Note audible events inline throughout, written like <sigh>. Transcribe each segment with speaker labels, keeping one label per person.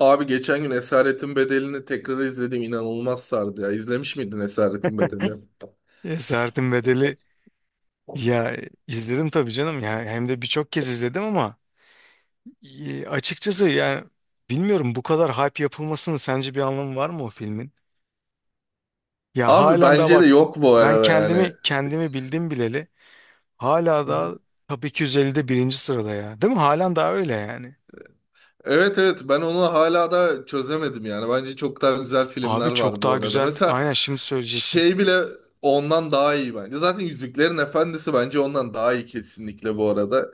Speaker 1: Abi geçen gün Esaretin Bedeli'ni tekrar izledim. İnanılmaz sardı ya. İzlemiş miydin Esaretin Bedeli?
Speaker 2: Esaretin Bedeli ya, izledim tabii canım, ya hem de birçok kez izledim ama açıkçası yani bilmiyorum, bu kadar hype yapılmasının sence bir anlamı var mı o filmin? Ya
Speaker 1: Abi
Speaker 2: halen daha
Speaker 1: bence de
Speaker 2: bak,
Speaker 1: yok bu
Speaker 2: ben
Speaker 1: arada yani.
Speaker 2: kendimi bildim bileli hala da
Speaker 1: <laughs>
Speaker 2: Top 250'de birinci sırada ya, değil mi? Halen daha öyle yani.
Speaker 1: Evet evet, ben onu hala da çözemedim yani. Bence çok daha güzel
Speaker 2: Abi
Speaker 1: filmler
Speaker 2: çok
Speaker 1: var bu
Speaker 2: daha
Speaker 1: arada.
Speaker 2: güzel,
Speaker 1: Mesela
Speaker 2: aynen şimdi söyleyecektim.
Speaker 1: şey bile ondan daha iyi bence. Zaten Yüzüklerin Efendisi bence ondan daha iyi kesinlikle bu arada.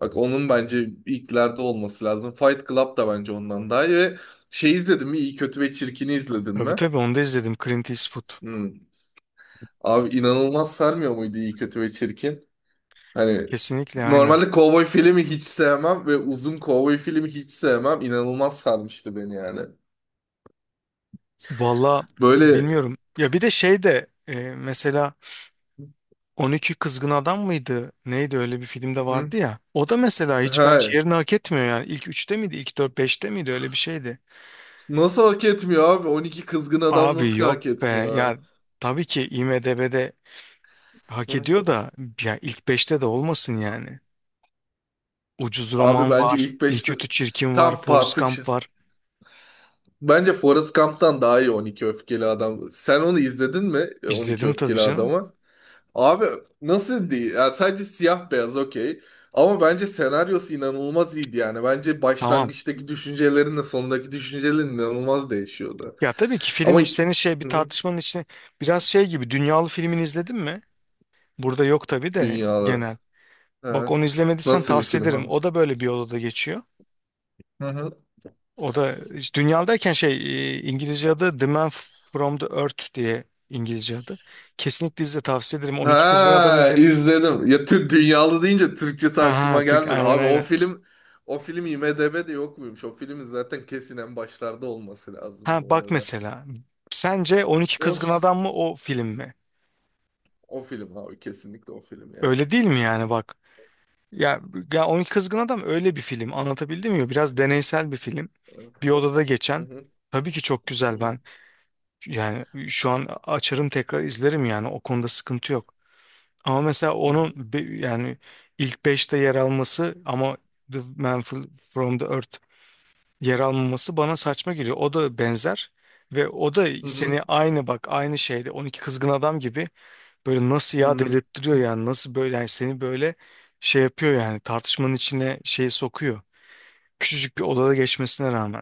Speaker 1: Bak onun bence ilklerde olması lazım. Fight Club da bence ondan daha iyi. Ve şey izledin mi? İyi Kötü ve Çirkin'i izledin
Speaker 2: Tabii
Speaker 1: mi?
Speaker 2: tabii, onu da izledim, Clint Eastwood,
Speaker 1: Hmm. Abi inanılmaz sarmıyor muydu İyi Kötü ve Çirkin? Hani
Speaker 2: kesinlikle aynen.
Speaker 1: normalde kovboy filmi hiç sevmem ve uzun kovboy filmi hiç sevmem. İnanılmaz sarmıştı beni yani.
Speaker 2: Valla
Speaker 1: Böyle.
Speaker 2: bilmiyorum ya, bir de şey de mesela 12 Kızgın Adam mıydı? Neydi öyle, bir filmde
Speaker 1: Hı.
Speaker 2: vardı ya. O da mesela hiç
Speaker 1: he,
Speaker 2: bence yerini hak etmiyor yani. İlk üçte miydi? İlk dört beşte miydi? Öyle bir şeydi.
Speaker 1: Nasıl hak etmiyor abi? 12 kızgın adam
Speaker 2: Abi
Speaker 1: nasıl
Speaker 2: yok
Speaker 1: hak
Speaker 2: be.
Speaker 1: etmiyor ya?
Speaker 2: Ya tabii ki IMDb'de hak
Speaker 1: Hı.
Speaker 2: ediyor da, ya ilk beşte de olmasın yani. Ucuz
Speaker 1: Abi
Speaker 2: Roman
Speaker 1: bence
Speaker 2: var.
Speaker 1: ilk
Speaker 2: İyi
Speaker 1: beşte
Speaker 2: Kötü Çirkin var.
Speaker 1: tam
Speaker 2: Forrest
Speaker 1: Perfection.
Speaker 2: Gump var.
Speaker 1: Bence Forrest Gump'tan daha iyi 12 Öfkeli Adam. Sen onu izledin mi 12
Speaker 2: İzledim tabii
Speaker 1: Öfkeli
Speaker 2: canım.
Speaker 1: Adam'ı? Abi nasıl değil? Yani sadece siyah beyaz okey. Ama bence senaryosu inanılmaz iyiydi yani. Bence
Speaker 2: Tamam.
Speaker 1: başlangıçtaki düşüncelerinle sondaki düşüncelerin inanılmaz değişiyordu.
Speaker 2: Ya tabii ki
Speaker 1: Ama
Speaker 2: film senin şey bir
Speaker 1: hı hı.
Speaker 2: tartışmanın içine, biraz şey gibi, dünyalı filmini izledin mi? Burada yok tabii de,
Speaker 1: Dünyada.
Speaker 2: genel.
Speaker 1: He.
Speaker 2: Bak onu izlemediysen
Speaker 1: Nasıl bir
Speaker 2: tavsiye
Speaker 1: film
Speaker 2: ederim.
Speaker 1: abi?
Speaker 2: O da böyle bir odada geçiyor.
Speaker 1: Hı hı.
Speaker 2: O da işte dünyadayken şey, İngilizce adı The Man From The Earth diye, İngilizce adı. Kesinlikle izle, tavsiye ederim. 12 Kızgın Adam'ı
Speaker 1: Ha
Speaker 2: izlediyiz.
Speaker 1: izledim. Ya Türk dünyalı deyince Türkçesi
Speaker 2: Ha ha
Speaker 1: aklıma
Speaker 2: tık,
Speaker 1: gelmedi.
Speaker 2: aynen
Speaker 1: Abi o
Speaker 2: aynen.
Speaker 1: film o film IMDb'de yok muymuş? O filmin zaten kesin en başlarda olması lazım
Speaker 2: Ha
Speaker 1: bu
Speaker 2: bak
Speaker 1: arada.
Speaker 2: mesela. Sence 12
Speaker 1: O
Speaker 2: Kızgın
Speaker 1: ş-
Speaker 2: Adam mı, o film mi?
Speaker 1: o film abi kesinlikle o film yani.
Speaker 2: Öyle değil mi yani, bak. Ya, ya 12 Kızgın Adam öyle bir film, anlatabildim mi? Biraz deneysel bir film. Bir odada
Speaker 1: Hı
Speaker 2: geçen.
Speaker 1: hı,
Speaker 2: Tabii ki çok
Speaker 1: hı
Speaker 2: güzel
Speaker 1: hı,
Speaker 2: ben. Yani şu an açarım tekrar izlerim, yani o konuda sıkıntı yok. Ama mesela onun
Speaker 1: hı
Speaker 2: yani ilk beşte yer alması ama The Man From The Earth yer almaması bana saçma geliyor. O da benzer, ve o da
Speaker 1: hı,
Speaker 2: seni aynı bak, aynı şeyde 12 Kızgın Adam gibi böyle nasıl
Speaker 1: hı
Speaker 2: ya
Speaker 1: hı.
Speaker 2: dedirttiriyor yani, nasıl böyle yani seni böyle şey yapıyor yani, tartışmanın içine şeyi sokuyor. Küçücük bir odada geçmesine rağmen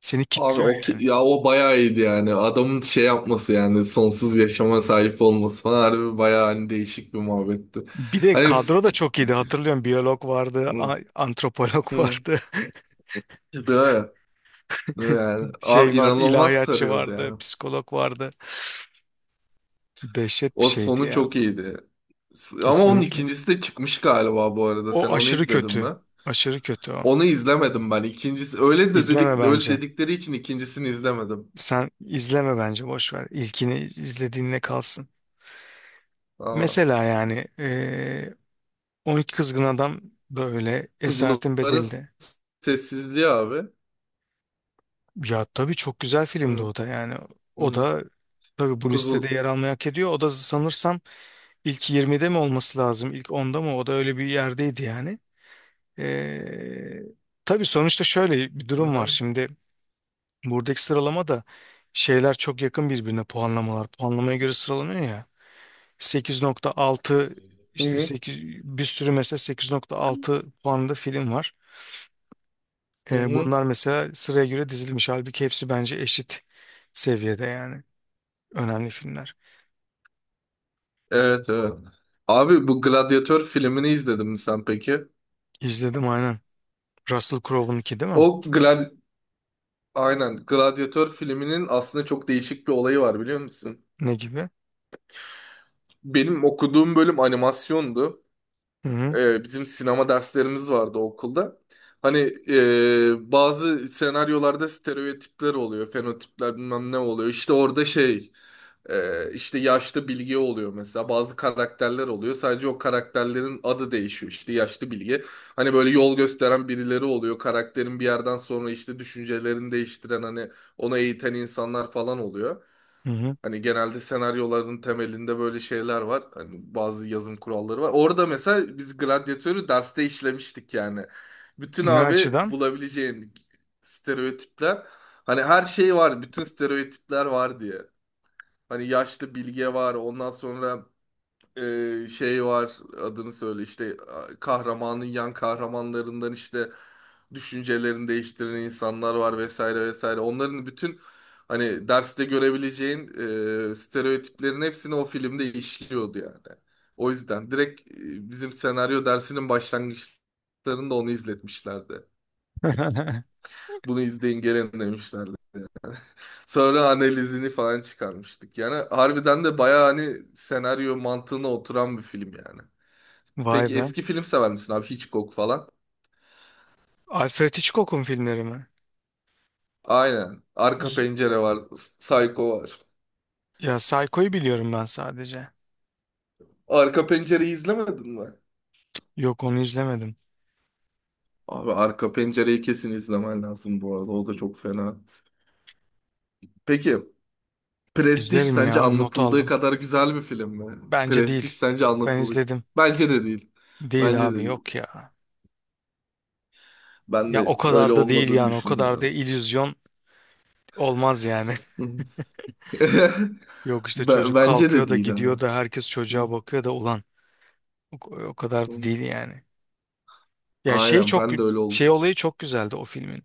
Speaker 2: seni
Speaker 1: Abi
Speaker 2: kitliyor
Speaker 1: o ki-
Speaker 2: yani.
Speaker 1: ya o bayağı iyiydi yani. Adamın şey yapması yani sonsuz yaşama sahip olması falan harbi bayağı hani değişik bir muhabbetti.
Speaker 2: Bir de
Speaker 1: Hani
Speaker 2: kadro da
Speaker 1: s-
Speaker 2: çok iyiydi, hatırlıyorum biyolog vardı,
Speaker 1: Hı.
Speaker 2: antropolog
Speaker 1: Hı.
Speaker 2: vardı. <laughs>
Speaker 1: Değil mi? Değil mi yani,
Speaker 2: Şey
Speaker 1: abi
Speaker 2: vardı,
Speaker 1: inanılmaz
Speaker 2: ilahiyatçı
Speaker 1: sarıyordu
Speaker 2: vardı,
Speaker 1: yani.
Speaker 2: psikolog vardı. Dehşet bir
Speaker 1: O
Speaker 2: şeydi
Speaker 1: sonu
Speaker 2: ya.
Speaker 1: çok iyiydi. S- Ama onun
Speaker 2: Kesinlikle.
Speaker 1: ikincisi de çıkmış galiba bu arada.
Speaker 2: O
Speaker 1: Sen onu
Speaker 2: aşırı
Speaker 1: izledin mi?
Speaker 2: kötü. Aşırı kötü o.
Speaker 1: Onu izlemedim ben. İkincisi öyle de
Speaker 2: İzleme
Speaker 1: dedik öyle
Speaker 2: bence.
Speaker 1: dedikleri için ikincisini izlemedim.
Speaker 2: Sen izleme bence, boş ver. İlkini izlediğinle kalsın.
Speaker 1: Aa,
Speaker 2: Mesela yani 12 Kızgın Adam da öyle, Esaretin
Speaker 1: kuzuların
Speaker 2: Bedeli
Speaker 1: s-
Speaker 2: de.
Speaker 1: sessizliği abi.
Speaker 2: Ya tabii çok güzel filmdi
Speaker 1: Hı,
Speaker 2: o da yani. O
Speaker 1: hı.
Speaker 2: da tabii bu listede
Speaker 1: Kuzul.
Speaker 2: yer almayı hak ediyor. O da sanırsam ilk yirmide mi olması lazım? İlk onda mı? O da öyle bir yerdeydi yani. Ee, tabii sonuçta şöyle bir durum var.
Speaker 1: Aha.
Speaker 2: Şimdi buradaki sıralama da şeyler çok yakın birbirine, puanlamalar. Puanlamaya göre sıralanıyor ya. 8.6
Speaker 1: Hı
Speaker 2: işte,
Speaker 1: hı.
Speaker 2: 8, bir sürü mesela 8.6 puanlı film var.
Speaker 1: Hı
Speaker 2: Ee,
Speaker 1: hı.
Speaker 2: bunlar mesela sıraya göre dizilmiş. Halbuki hepsi bence eşit seviyede yani. Önemli filmler.
Speaker 1: Evet evet. Abi bu Gladyatör filmini izledin mi sen peki?
Speaker 2: İzledim aynen. Russell Crowe'unki değil mi?
Speaker 1: O glad Aynen. Gladyatör filminin aslında çok değişik bir olayı var biliyor musun?
Speaker 2: Ne gibi?
Speaker 1: Benim okuduğum bölüm animasyondu.
Speaker 2: Hı hı.
Speaker 1: Bizim sinema derslerimiz vardı okulda. Hani bazı senaryolarda stereotipler oluyor, fenotipler bilmem ne oluyor. İşte orada şey, işte yaşlı bilge oluyor mesela. Bazı karakterler oluyor. Sadece o karakterlerin adı değişiyor. İşte yaşlı bilge. Hani böyle yol gösteren birileri oluyor. Karakterin bir yerden sonra işte düşüncelerini değiştiren hani onu eğiten insanlar falan oluyor.
Speaker 2: Hı hı.
Speaker 1: Hani genelde senaryoların temelinde böyle şeyler var. Hani bazı yazım kuralları var. Orada mesela biz gladyatörü derste işlemiştik yani. Bütün
Speaker 2: Ne
Speaker 1: abi
Speaker 2: açıdan?
Speaker 1: bulabileceğin stereotipler. Hani her şey var. Bütün stereotipler var diye. Hani yaşlı bilge var. Ondan sonra şey var, adını söyle işte a- kahramanın yan kahramanlarından işte düşüncelerini değiştiren insanlar var vesaire vesaire. Onların bütün hani derste görebileceğin stereotiplerin hepsini o filmde işliyordu yani. O yüzden direkt bizim senaryo dersinin başlangıçlarında onu izletmişlerdi.
Speaker 2: <laughs>
Speaker 1: Bunu izleyin gelin demişlerdi. Sonra analizini falan çıkarmıştık. Yani harbiden de bayağı hani senaryo mantığına oturan bir film yani.
Speaker 2: Vay
Speaker 1: Peki
Speaker 2: be.
Speaker 1: eski film sever misin abi? Hitchcock falan.
Speaker 2: Alfred Hitchcock'un filmleri mi?
Speaker 1: Aynen. Arka Pencere var. Psycho var.
Speaker 2: Ya Psycho'yu biliyorum ben sadece.
Speaker 1: Arka Pencere'yi izlemedin mi?
Speaker 2: Yok onu izlemedim.
Speaker 1: Abi Arka Pencere'yi kesin izlemen lazım bu arada. O da çok fena. Peki Prestige
Speaker 2: İzlerim
Speaker 1: sence
Speaker 2: ya, not
Speaker 1: anlatıldığı
Speaker 2: aldım.
Speaker 1: kadar güzel bir film mi?
Speaker 2: Bence
Speaker 1: Prestige
Speaker 2: değil.
Speaker 1: sence
Speaker 2: Ben
Speaker 1: anlatıldığı...
Speaker 2: izledim.
Speaker 1: Bence de değil.
Speaker 2: Değil
Speaker 1: Bence de
Speaker 2: abi,
Speaker 1: değil.
Speaker 2: yok ya.
Speaker 1: Ben
Speaker 2: Ya o
Speaker 1: de öyle
Speaker 2: kadar da değil
Speaker 1: olmadığını
Speaker 2: yani, o kadar da
Speaker 1: düşünmüyorum.
Speaker 2: illüzyon olmaz yani.
Speaker 1: Hı. <laughs>
Speaker 2: <laughs> Yok işte,
Speaker 1: Be-
Speaker 2: çocuk
Speaker 1: Bence de
Speaker 2: kalkıyor da
Speaker 1: değil abi.
Speaker 2: gidiyor da herkes
Speaker 1: Hı,
Speaker 2: çocuğa bakıyor da, ulan o kadar
Speaker 1: hı.
Speaker 2: da değil yani. Ya şey
Speaker 1: Aynen
Speaker 2: çok,
Speaker 1: ben de öyle
Speaker 2: şey
Speaker 1: oldum.
Speaker 2: olayı çok güzeldi o filmin.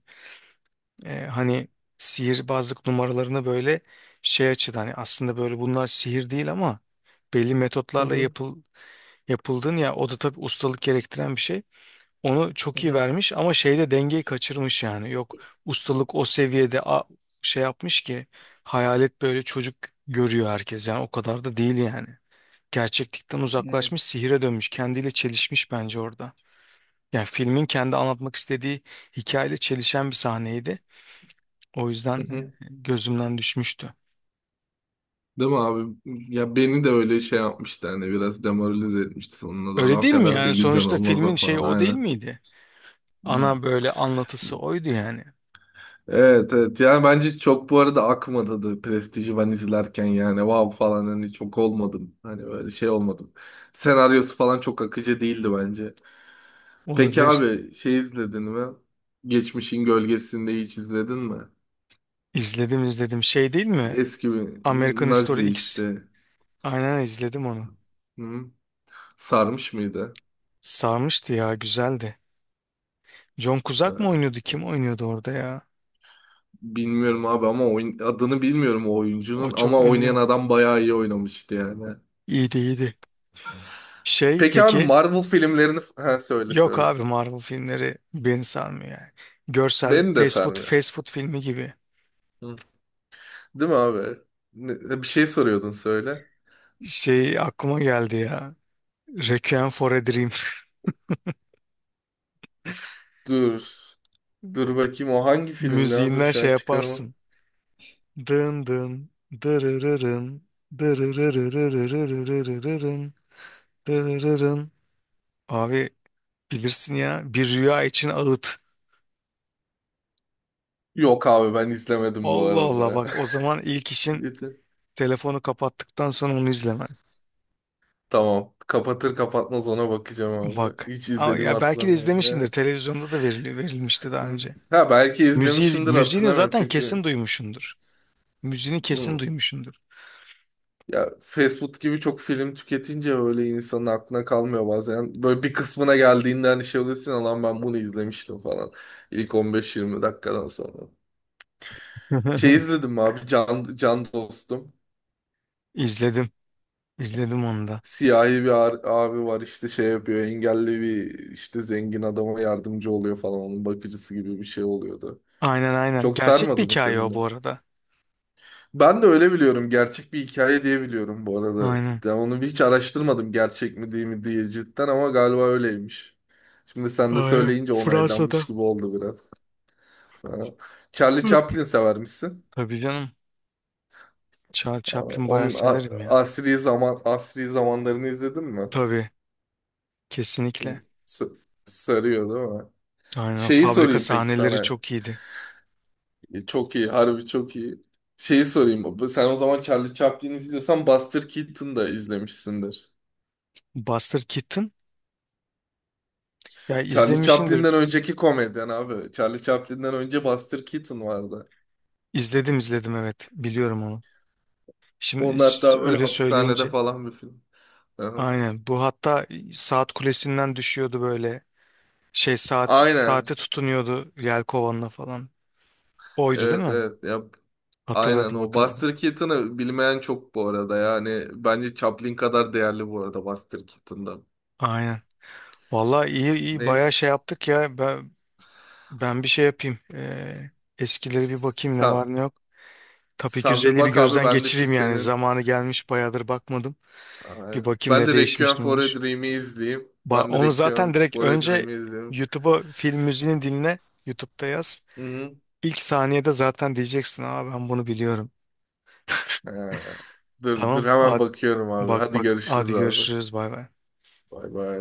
Speaker 2: Hani sihirbazlık numaralarını böyle şey açıdan, hani aslında böyle bunlar sihir değil ama belli
Speaker 1: Hı
Speaker 2: metotlarla
Speaker 1: hı,
Speaker 2: yapıldığın ya, o da tabii ustalık gerektiren bir şey. Onu
Speaker 1: hı
Speaker 2: çok iyi
Speaker 1: hı,
Speaker 2: vermiş ama şeyde dengeyi kaçırmış yani. Yok, ustalık o seviyede şey yapmış ki hayalet böyle çocuk görüyor herkes, yani o kadar da değil yani. Gerçeklikten uzaklaşmış, sihire dönmüş, kendiyle çelişmiş bence orada. Yani filmin kendi anlatmak istediği hikayeyle çelişen bir sahneydi. O yüzden
Speaker 1: hı hı.
Speaker 2: gözümden düşmüştü.
Speaker 1: Değil mi abi? Ya beni de öyle şey yapmıştı hani biraz demoralize etmişti sonuna doğru.
Speaker 2: Öyle
Speaker 1: O
Speaker 2: değil mi
Speaker 1: kadar da
Speaker 2: yani?
Speaker 1: illüzyon
Speaker 2: Sonuçta filmin
Speaker 1: olmaz
Speaker 2: şeyi
Speaker 1: falan
Speaker 2: o değil
Speaker 1: aynen.
Speaker 2: miydi?
Speaker 1: Hı.
Speaker 2: Ana böyle anlatısı oydu yani.
Speaker 1: Evet evet, yani bence çok bu arada akmadı da Prestige'i ben izlerken yani wow falan hani çok olmadım. Hani böyle şey olmadım. Senaryosu falan çok akıcı değildi bence. Peki
Speaker 2: Olabilir.
Speaker 1: abi şey izledin mi? Geçmişin Gölgesi'nde hiç izledin mi?
Speaker 2: İzledim izledim. Şey değil mi?
Speaker 1: Eski bir
Speaker 2: American
Speaker 1: Nazi
Speaker 2: History X.
Speaker 1: işte.
Speaker 2: Aynen, izledim onu.
Speaker 1: Hı? Sarmış mıydı?
Speaker 2: Sarmıştı ya, güzeldi. John Cusack mı
Speaker 1: Ha.
Speaker 2: oynuyordu? Kim oynuyordu orada ya?
Speaker 1: Bilmiyorum abi ama oyun, adını bilmiyorum o
Speaker 2: O
Speaker 1: oyuncunun
Speaker 2: çok
Speaker 1: ama oynayan
Speaker 2: ünlü.
Speaker 1: adam bayağı iyi oynamıştı yani.
Speaker 2: İyiydi iyiydi. Şey
Speaker 1: Peki abi
Speaker 2: peki?
Speaker 1: Marvel filmlerini ha söyle
Speaker 2: Yok
Speaker 1: söyle.
Speaker 2: abi, Marvel filmleri beni sarmıyor yani. Görsel
Speaker 1: Beni de
Speaker 2: fast food,
Speaker 1: sarmıyor.
Speaker 2: fast food filmi gibi.
Speaker 1: Hı. Değil mi abi? Ne- bir şey soruyordun söyle.
Speaker 2: Şey aklıma geldi ya. Requiem for a Dream.
Speaker 1: Dur. Dur bakayım o hangi
Speaker 2: <laughs>
Speaker 1: filmdi? Ha, dur
Speaker 2: Müziğinden
Speaker 1: şu an
Speaker 2: şey
Speaker 1: çıkarama.
Speaker 2: yaparsın. Dın dın, dırırırın, dırırırırırırırırın, dırırırın. Abi bilirsin ya, bir rüya için ağıt.
Speaker 1: Yok abi ben izlemedim bu
Speaker 2: Allah Allah,
Speaker 1: arada.
Speaker 2: bak o zaman ilk
Speaker 1: <laughs>
Speaker 2: işin
Speaker 1: Yeter.
Speaker 2: telefonu kapattıktan sonra onu izlemen.
Speaker 1: Tamam. Kapatır kapatmaz ona bakacağım abi.
Speaker 2: Bak
Speaker 1: Hiç
Speaker 2: ama
Speaker 1: izlediğimi
Speaker 2: ya belki de
Speaker 1: hatırlamıyorum
Speaker 2: izlemişsindir,
Speaker 1: ya.
Speaker 2: televizyonda da verilmişti daha
Speaker 1: Hı.
Speaker 2: önce.
Speaker 1: Ha belki
Speaker 2: Müziği,
Speaker 1: izlemişimdir
Speaker 2: müziğini
Speaker 1: hatırlamıyorum
Speaker 2: zaten
Speaker 1: çünkü.
Speaker 2: kesin duymuşsundur. Müziğini kesin
Speaker 1: Hı.
Speaker 2: duymuşsundur.
Speaker 1: Ya fast food gibi çok film tüketince öyle insanın aklına kalmıyor bazen. Böyle bir kısmına geldiğinde hani şey oluyorsun ya, lan ben bunu izlemiştim falan. İlk 15-20 dakikadan sonra. Şey
Speaker 2: <laughs>
Speaker 1: izledim abi Can, Can Dostum.
Speaker 2: İzledim. İzledim onu da.
Speaker 1: Siyahi bir ar- abi var işte şey yapıyor engelli bir işte zengin adama yardımcı oluyor falan onun bakıcısı gibi bir şey oluyordu.
Speaker 2: Aynen aynen.
Speaker 1: Çok
Speaker 2: Gerçek bir
Speaker 1: sarmadı mı
Speaker 2: hikaye
Speaker 1: senin
Speaker 2: o,
Speaker 1: de?
Speaker 2: bu arada.
Speaker 1: Ben de öyle biliyorum. Gerçek bir hikaye diye biliyorum bu arada.
Speaker 2: Aynen.
Speaker 1: Ya onu hiç araştırmadım gerçek mi değil mi diye cidden ama galiba öyleymiş. Şimdi sen de
Speaker 2: Aynen.
Speaker 1: söyleyince onaylanmış
Speaker 2: Fransa'da.
Speaker 1: gibi oldu biraz. Ha. Charlie
Speaker 2: Hı.
Speaker 1: Chaplin severmişsin.
Speaker 2: Tabii canım. Charles
Speaker 1: Aa,
Speaker 2: Chaplin bayağı
Speaker 1: onun a-
Speaker 2: severim ya.
Speaker 1: asri zaman asri zamanlarını izledin mi?
Speaker 2: Tabii.
Speaker 1: Hı.
Speaker 2: Kesinlikle.
Speaker 1: S- Sarıyor değil mi?
Speaker 2: Aynen, o
Speaker 1: Şeyi
Speaker 2: fabrika
Speaker 1: sorayım peki
Speaker 2: sahneleri
Speaker 1: sana.
Speaker 2: çok iyiydi.
Speaker 1: Çok iyi, harbi çok iyi. Şeyi sorayım. Sen o zaman Charlie Chaplin izliyorsan Buster Keaton da izlemişsindir.
Speaker 2: Buster Keaton ya,
Speaker 1: Charlie
Speaker 2: izlemişindir.
Speaker 1: Chaplin'den önceki komedyen abi. Charlie Chaplin'den önce Buster Keaton vardı.
Speaker 2: İzledim izledim, evet biliyorum onu. Şimdi
Speaker 1: Onun hatta böyle
Speaker 2: öyle
Speaker 1: hapishanede
Speaker 2: söyleyince
Speaker 1: falan bir film. Aha.
Speaker 2: aynen, bu hatta saat kulesinden düşüyordu böyle, şey, saat
Speaker 1: Aynen.
Speaker 2: saate tutunuyordu yelkovanla falan. Oydu değil
Speaker 1: Evet
Speaker 2: mi?
Speaker 1: evet. Ya, aynen
Speaker 2: Hatırladım
Speaker 1: o.
Speaker 2: hatırladım.
Speaker 1: Buster Keaton'ı bilmeyen çok bu arada. Yani bence Chaplin kadar değerli bu arada Buster Keaton'dan.
Speaker 2: Aynen. Vallahi iyi iyi bayağı
Speaker 1: Neyse.
Speaker 2: şey yaptık ya, ben bir şey yapayım. Eskileri bir
Speaker 1: S-
Speaker 2: bakayım, ne
Speaker 1: Sen,
Speaker 2: var ne yok. Tabii ki
Speaker 1: sen bir
Speaker 2: 150 bir
Speaker 1: bak abi
Speaker 2: gözden
Speaker 1: ben de şu
Speaker 2: geçireyim yani,
Speaker 1: senin.
Speaker 2: zamanı gelmiş bayağıdır bakmadım. Bir
Speaker 1: Aynen.
Speaker 2: bakayım
Speaker 1: Ben
Speaker 2: ne
Speaker 1: de Requiem
Speaker 2: değişmiş ne
Speaker 1: for a
Speaker 2: olmuş.
Speaker 1: Dream'i izleyeyim. Ben de
Speaker 2: Onu zaten
Speaker 1: Requiem
Speaker 2: direkt
Speaker 1: for a
Speaker 2: önce
Speaker 1: Dream'i izleyeyim.
Speaker 2: YouTube'a film müziğini dinle. YouTube'da yaz.
Speaker 1: Hı hı.
Speaker 2: İlk saniyede zaten diyeceksin. Aa, ben bunu biliyorum.
Speaker 1: Ha. Dur dur
Speaker 2: Tamam.
Speaker 1: hemen
Speaker 2: Hadi,
Speaker 1: bakıyorum abi.
Speaker 2: bak
Speaker 1: Hadi
Speaker 2: bak.
Speaker 1: görüşürüz
Speaker 2: Hadi
Speaker 1: abi.
Speaker 2: görüşürüz. Bay bay.
Speaker 1: Bay bay.